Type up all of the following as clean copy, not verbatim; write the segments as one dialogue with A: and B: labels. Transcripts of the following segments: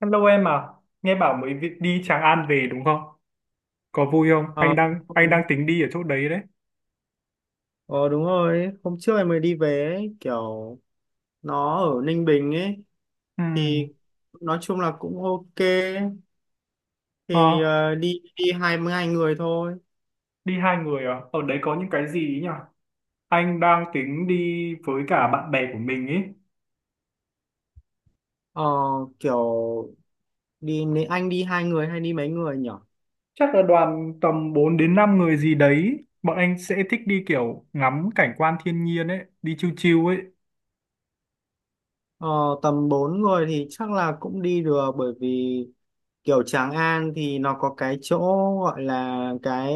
A: Hello em à, nghe bảo đi Tràng An về đúng không? Có vui không?
B: Ờ,
A: Anh đang
B: đúng
A: anh đang
B: rồi.
A: tính đi ở chỗ đấy đấy.
B: Ờ, đúng rồi, hôm trước em mới đi về ấy, kiểu nó ở Ninh Bình ấy, thì
A: Ừm,
B: nói chung là cũng ok.
A: Ờ,
B: Thì đi đi 22 người thôi.
A: đi hai người à? Ở đấy có những cái gì ấy nhỉ? Anh đang tính đi với cả bạn bè của mình ấy.
B: Ờ, kiểu nếu anh đi hai người hay đi mấy người nhỉ?
A: Chắc là đoàn tầm 4 đến 5 người gì đấy. Bọn anh sẽ thích đi kiểu ngắm cảnh quan thiên nhiên ấy, đi chill chill ấy.
B: Ờ, tầm bốn người thì chắc là cũng đi được, bởi vì kiểu Tràng An thì nó có cái chỗ gọi là cái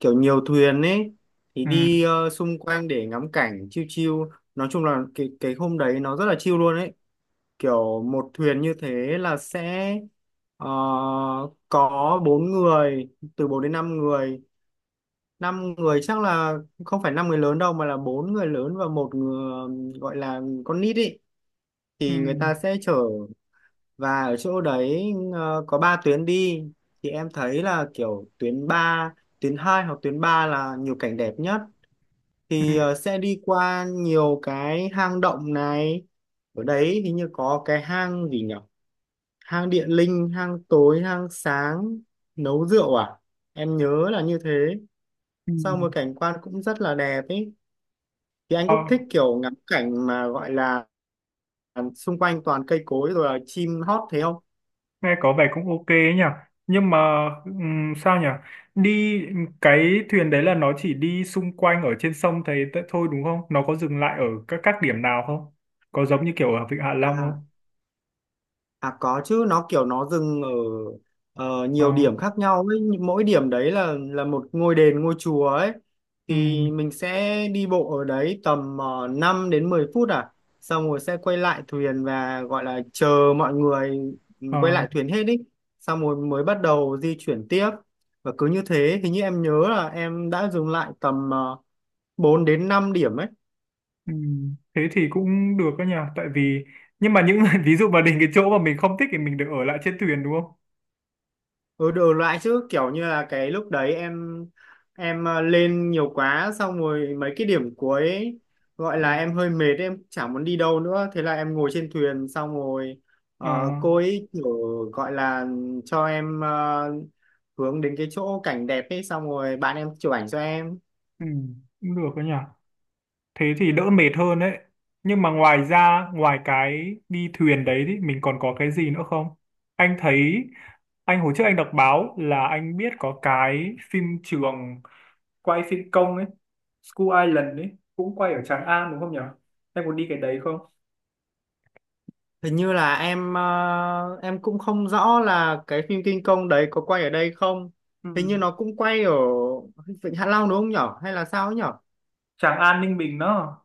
B: kiểu nhiều thuyền ấy, thì đi
A: Ừm,
B: xung quanh để ngắm cảnh chiêu chiêu. Nói chung là cái hôm đấy nó rất là chiêu luôn ấy, kiểu một thuyền như thế là sẽ ờ, có bốn người, từ 4 đến 5 người. Năm người chắc là không phải năm người lớn đâu, mà là bốn người lớn và một người gọi là con nít ấy, thì người
A: ừm,
B: ta sẽ chở. Và ở chỗ đấy có ba tuyến đi, thì em thấy là kiểu tuyến 2 hoặc tuyến 3 là nhiều cảnh đẹp nhất. Thì
A: ừm,
B: sẽ đi qua nhiều cái hang động này. Ở đấy hình như có cái hang gì nhỉ, hang điện linh, hang tối, hang sáng, nấu rượu à, em nhớ là như thế. Sau
A: ừm.
B: một cảnh quan cũng rất là đẹp ấy, thì anh
A: Ờ.
B: có thích kiểu ngắm cảnh mà gọi là xung quanh toàn cây cối rồi là chim hót thế không?
A: Nghe có vẻ cũng ok ấy nhỉ, nhưng mà sao nhỉ, đi cái thuyền đấy là nó chỉ đi xung quanh ở trên sông thôi đúng không, nó có dừng lại ở các điểm nào không, có giống như kiểu ở Vịnh Hạ Long không?
B: À, à có chứ, nó kiểu nó dừng ở
A: ờ,
B: nhiều điểm khác nhau ấy. Nhưng mỗi điểm đấy là một ngôi đền, ngôi chùa ấy,
A: ừm,
B: thì mình sẽ đi bộ ở đấy tầm 5 đến 10 phút à. Xong rồi sẽ quay lại thuyền và gọi là chờ mọi người. Ừ, quay
A: ờ,
B: lại thuyền hết ý. Xong rồi mới bắt đầu di chuyển tiếp, và cứ như thế. Hình như em nhớ là em đã dừng lại tầm 4 đến 5 điểm ấy.
A: Thế thì cũng được đó nhỉ, tại vì nhưng mà những ví dụ mà đến cái chỗ mà mình không thích thì mình được ở lại trên thuyền đúng không?
B: Ừ, đủ loại chứ, kiểu như là cái lúc đấy em lên nhiều quá, xong rồi mấy cái điểm cuối ấy, gọi
A: Ừ.
B: là em hơi mệt, em chả muốn đi đâu nữa, thế là em ngồi trên thuyền. Xong rồi
A: ờ,
B: cô ấy kiểu gọi là cho em hướng đến cái chỗ cảnh đẹp ấy, xong rồi bạn em chụp ảnh cho em.
A: Cũng được đó nhỉ, thế thì đỡ mệt hơn đấy. Nhưng mà ngoài ra, ngoài cái đi thuyền đấy thì mình còn có cái gì nữa không? Anh thấy, anh hồi trước đọc báo là anh biết có cái phim trường quay phim công ấy, School Island ấy, cũng quay ở Tràng An đúng không nhỉ? Em muốn đi cái đấy không?
B: Hình như là em cũng không rõ là cái phim King Kong đấy có quay ở đây không.
A: Ừ.
B: Hình như nó cũng quay ở Vịnh Hạ Long đúng không nhở, hay là sao ấy nhở?
A: Tràng An Ninh Bình đó.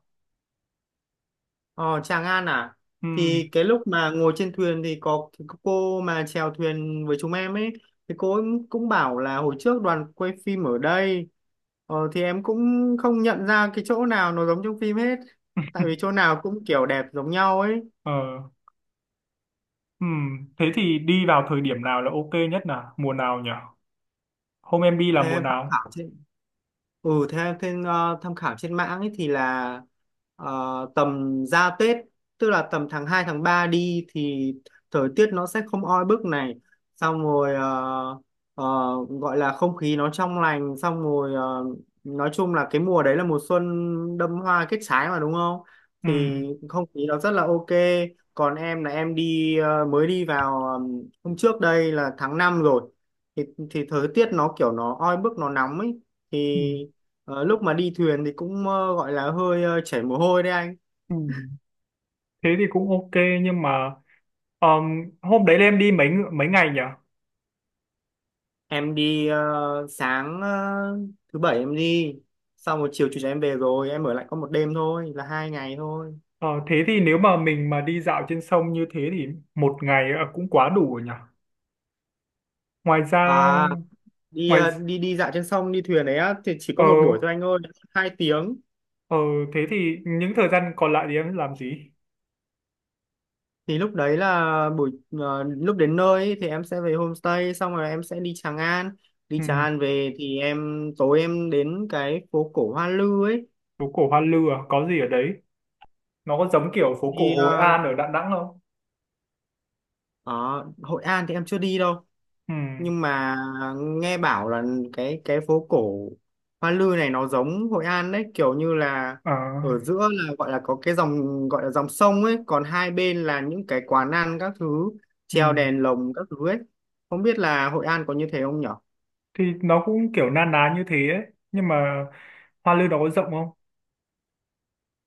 B: Ờ, Tràng An à?
A: Ừ.
B: Thì cái lúc mà ngồi trên thuyền thì có cô mà chèo thuyền với chúng em ấy, thì cô ấy cũng bảo là hồi trước đoàn quay phim ở đây. Thì em cũng không nhận ra cái chỗ nào nó giống trong phim hết, tại vì chỗ nào cũng kiểu đẹp giống nhau ấy.
A: Ờ. Ừ. Thế thì đi vào thời điểm nào là ok nhất nào, mùa nào nhỉ? Hôm em đi là
B: Thế
A: mùa
B: em tham
A: nào?
B: khảo chứ. Ừ, theo tham khảo trên mạng ấy thì là ờ, tầm ra Tết, tức là tầm tháng 2 tháng 3 đi, thì thời tiết nó sẽ không oi bức này. Xong rồi ờ, gọi là không khí nó trong lành. Xong rồi nói chung là cái mùa đấy là mùa xuân, đâm hoa kết trái mà đúng không?
A: Ừ.
B: Thì không khí nó rất là ok. Còn em là mới đi vào hôm trước đây là tháng 5 rồi. Thì, thì thời tiết nó kiểu nó oi bức, nó nóng ấy.
A: Ừ.
B: Thì lúc mà đi thuyền thì cũng gọi là hơi chảy mồ hôi đấy anh.
A: Ừ. Thế thì cũng ok, nhưng mà hôm đấy là em đi mấy ngày nhỉ?
B: Sáng thứ bảy em đi, xong rồi chiều chủ nhật em về rồi, em ở lại có một đêm thôi, là 2 ngày thôi.
A: Ờ, thế thì nếu mà mình mà đi dạo trên sông như thế thì một ngày cũng quá đủ rồi nhỉ? Ngoài ra,
B: À, đi
A: ngoài
B: ờ, đi đi dạo trên sông, đi thuyền đấy á, thì chỉ có
A: ờ
B: một buổi thôi anh ơi, 2 tiếng.
A: ờ thế thì những thời gian còn lại thì em làm gì?
B: Thì lúc đấy là buổi lúc đến nơi ấy, thì em sẽ về homestay, xong rồi em sẽ đi Tràng An. Đi
A: Ừ,
B: Tràng An về thì em tối em đến cái phố cổ Hoa Lư ấy.
A: phố cổ Hoa Lư à? Có gì ở đấy? Nó có giống kiểu phố cổ
B: Thì
A: Hội An ở Đà Nẵng không?
B: ở Hội An thì em chưa đi đâu,
A: Ừ.
B: nhưng mà nghe bảo là cái phố cổ Hoa Lư này nó giống Hội An đấy, kiểu như là
A: ờ,
B: ở giữa là gọi là có cái dòng, gọi là dòng sông ấy, còn hai bên là những cái quán ăn các thứ,
A: ừ.
B: treo đèn lồng các thứ ấy. Không biết là Hội An có như thế không nhỉ?
A: Thì nó cũng kiểu na ná như thế ấy. Nhưng mà Hoa Lư nó có rộng không?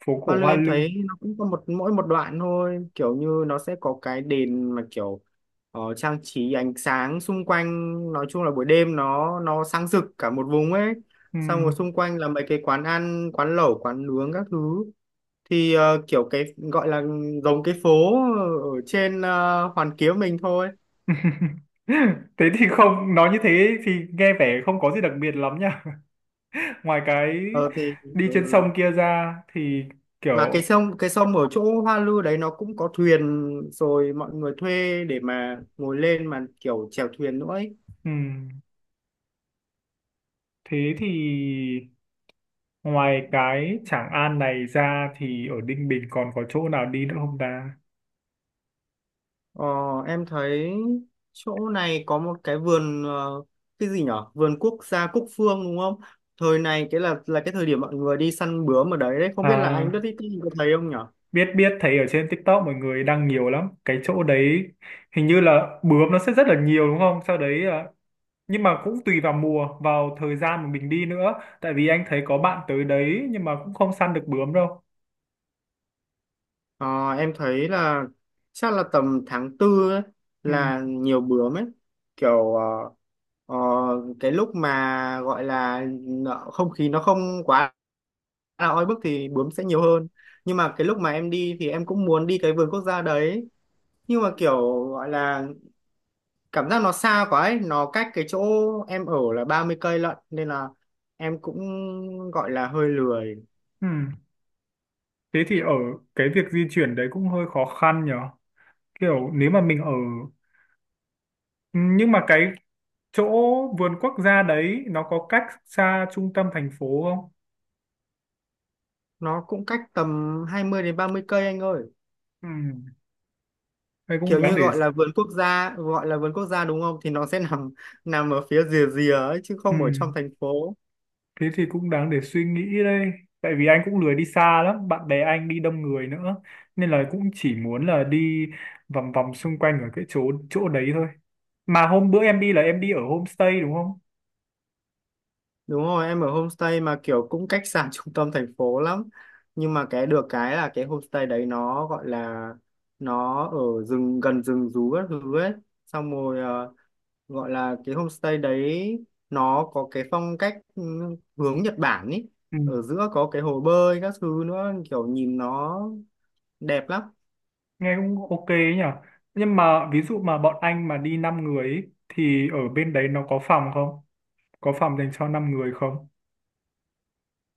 A: Phố
B: Hoa
A: cổ
B: Lư
A: Hoa
B: em
A: Lư.
B: thấy nó cũng có một, mỗi một đoạn thôi, kiểu như nó sẽ có cái đèn mà kiểu trang trí ánh sáng xung quanh. Nói chung là buổi đêm nó sáng rực cả một vùng ấy.
A: Ừ.
B: Xong rồi xung quanh là mấy cái quán ăn, quán lẩu, quán nướng các thứ. Thì kiểu cái gọi là giống cái phố ở trên Hoàn Kiếm mình thôi.
A: Thế thì không, nói như thế thì nghe vẻ không có gì đặc biệt lắm nha. Ngoài cái
B: Ờ thì
A: đi trên
B: ừ.
A: sông kia ra thì
B: Mà cái
A: kiểu
B: sông cái sông ở chỗ Hoa Lư đấy nó cũng có thuyền, rồi mọi người thuê để mà ngồi lên mà kiểu chèo thuyền nữa ấy.
A: ừm, thế thì ngoài cái Tràng An này ra thì ở Ninh Bình còn có chỗ nào đi nữa không ta?
B: Ờ, em thấy chỗ này có một cái vườn cái gì nhở, vườn quốc gia Cúc Phương đúng không? Thời này cái là cái thời điểm mọi người đi săn bướm ở đấy đấy, không biết là anh biết
A: À,
B: cái gì, có thấy không nhở?
A: biết biết, thấy ở trên TikTok mọi người đăng nhiều lắm cái chỗ đấy, hình như là bướm nó sẽ rất là nhiều đúng không? Sau đấy nhưng mà cũng tùy vào mùa, vào thời gian mà mình đi nữa, tại vì anh thấy có bạn tới đấy nhưng mà cũng không săn được bướm đâu.
B: Ờ, em thấy là chắc là tầm tháng tư ấy
A: Ừ.
B: là nhiều bướm ấy, kiểu ờ, cái lúc mà gọi là nợ- không khí nó không quá là oi bức thì bướm sẽ nhiều hơn. Nhưng mà cái lúc mà em đi thì em cũng muốn đi cái vườn quốc gia đấy, nhưng mà kiểu gọi là cảm giác nó xa quá ấy, nó cách cái chỗ em ở là 30 cây lận, nên là em cũng gọi là hơi lười.
A: Ừ. Thế thì ở cái việc di chuyển đấy cũng hơi khó khăn nhở, kiểu nếu mà mình ở, ừ, nhưng mà cái chỗ vườn quốc gia đấy nó có cách xa trung tâm thành phố không?
B: Nó cũng cách tầm 20 đến 30 cây anh ơi.
A: Ừ. Đây cũng
B: Kiểu
A: đáng
B: như
A: để,
B: gọi là vườn quốc gia, gọi là vườn quốc gia đúng không, thì nó sẽ nằm nằm ở phía rìa rìa ấy chứ
A: ừ.
B: không ở trong thành phố.
A: Thế thì cũng đáng để suy nghĩ đây. Tại vì anh cũng lười đi xa lắm, bạn bè anh đi đông người nữa. Nên là cũng chỉ muốn là đi vòng vòng xung quanh ở cái chỗ chỗ đấy thôi. Mà hôm bữa em đi là em đi ở homestay đúng không?
B: Đúng rồi, em ở homestay mà kiểu cũng cách xa trung tâm thành phố lắm, nhưng mà cái được cái là cái homestay đấy nó gọi là nó ở rừng, gần rừng rú các thứ ấy. Xong rồi gọi là cái homestay đấy nó có cái phong cách hướng Nhật Bản ý,
A: Ừ,
B: ở giữa có cái hồ bơi các thứ nữa, kiểu nhìn nó đẹp lắm.
A: nghe cũng ok ấy nhỉ. Nhưng mà ví dụ mà bọn anh mà đi 5 người ấy, thì ở bên đấy nó có phòng không? Có phòng dành cho 5 người không?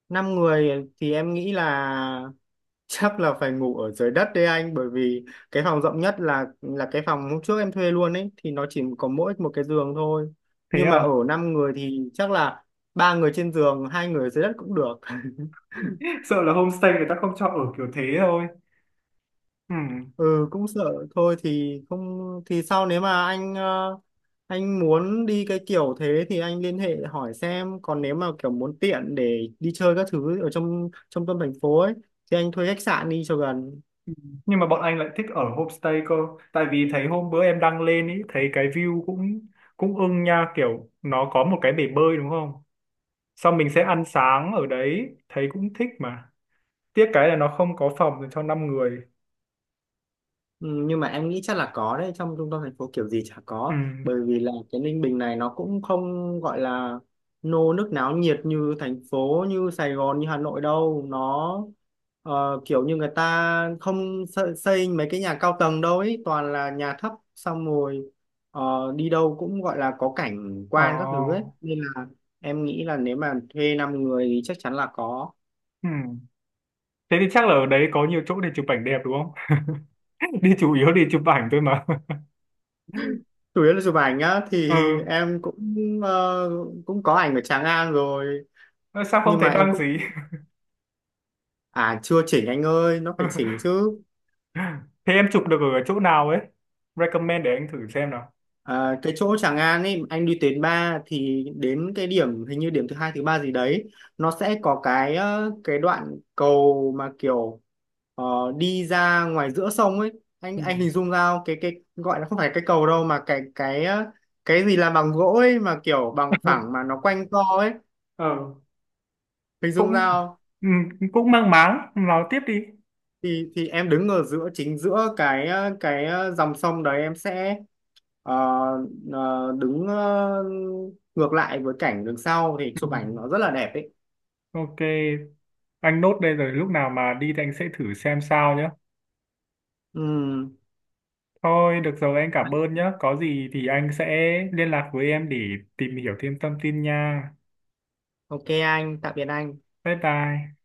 B: Năm người thì em nghĩ là chắc là phải ngủ ở dưới đất đấy anh, bởi vì cái phòng rộng nhất là cái phòng hôm trước em thuê luôn ấy, thì nó chỉ có mỗi một cái giường thôi,
A: Thế
B: nhưng mà ở
A: à?
B: năm người thì chắc là ba người trên giường, hai người dưới đất cũng được
A: Sợ là homestay người ta không cho ở kiểu thế thôi. Ừ.
B: ừ, cũng sợ thôi, thì không, thì sau nếu mà anh muốn đi cái kiểu thế thì anh liên hệ hỏi xem. Còn nếu mà kiểu muốn tiện để đi chơi các thứ ở trong trong tâm thành phố ấy, thì anh thuê khách sạn đi cho gần.
A: Nhưng mà bọn anh lại thích ở homestay cơ, tại vì thấy hôm bữa em đăng lên ý thấy cái view cũng cũng ưng nha, kiểu nó có một cái bể bơi đúng không, xong mình sẽ ăn sáng ở đấy thấy cũng thích mà. Tiếc cái là nó không có phòng dành cho năm người.
B: Ừ, nhưng mà em nghĩ chắc là có đấy, trong trung tâm thành phố kiểu gì chả
A: ừ
B: có, bởi vì là cái Ninh Bình này nó cũng không gọi là nô nức náo nhiệt như thành phố, như Sài Gòn, như Hà Nội đâu. Nó kiểu như người ta không xây mấy cái nhà cao tầng đâu ấy, toàn là nhà thấp. Xong rồi đi đâu cũng gọi là có cảnh quan các thứ ấy,
A: ờ
B: nên là em nghĩ là nếu mà thuê 5 người thì chắc chắn là có.
A: ừ Thế thì chắc là ở đấy có nhiều chỗ để chụp ảnh đẹp đúng không? Đi chủ yếu đi chụp ảnh thôi mà.
B: Chủ yếu là chụp ảnh nhá, thì
A: Ừ,
B: em cũng ờ, cũng có ảnh ở Tràng An rồi,
A: sao không
B: nhưng
A: thấy
B: mà em
A: đăng
B: cũng,
A: gì?
B: à, chưa chỉnh anh ơi, nó phải chỉnh chứ.
A: Thế em chụp được ở chỗ nào ấy, recommend để anh thử xem nào.
B: À, cái chỗ Tràng An ấy, anh đi tuyến 3 thì đến cái điểm hình như điểm thứ hai thứ ba gì đấy, nó sẽ có cái cái đoạn cầu mà kiểu ờ, đi ra ngoài giữa sông ấy. anh
A: Ừ.
B: anh hình dung ra không? Cái gọi là không phải cái cầu đâu, mà cái gì làm bằng gỗ ấy, mà kiểu bằng phẳng mà nó quanh co ấy.
A: ờ
B: Hình dung ra
A: cũng
B: không?
A: Ừ, cũng mang máng, nói tiếp đi.
B: Thì em đứng ở giữa, chính giữa cái dòng sông đấy, em sẽ Ờ, đứng ngược lại với cảnh đằng sau thì
A: Ừ.
B: chụp ảnh nó rất là đẹp ấy.
A: Ok anh nốt đây, rồi lúc nào mà đi thì anh sẽ thử xem sao nhé.
B: Ừm,
A: Thôi được rồi, anh cảm ơn nhé, có gì thì anh sẽ liên lạc với em để tìm hiểu thêm thông tin nha.
B: ok anh, tạm biệt anh.
A: Bye bye.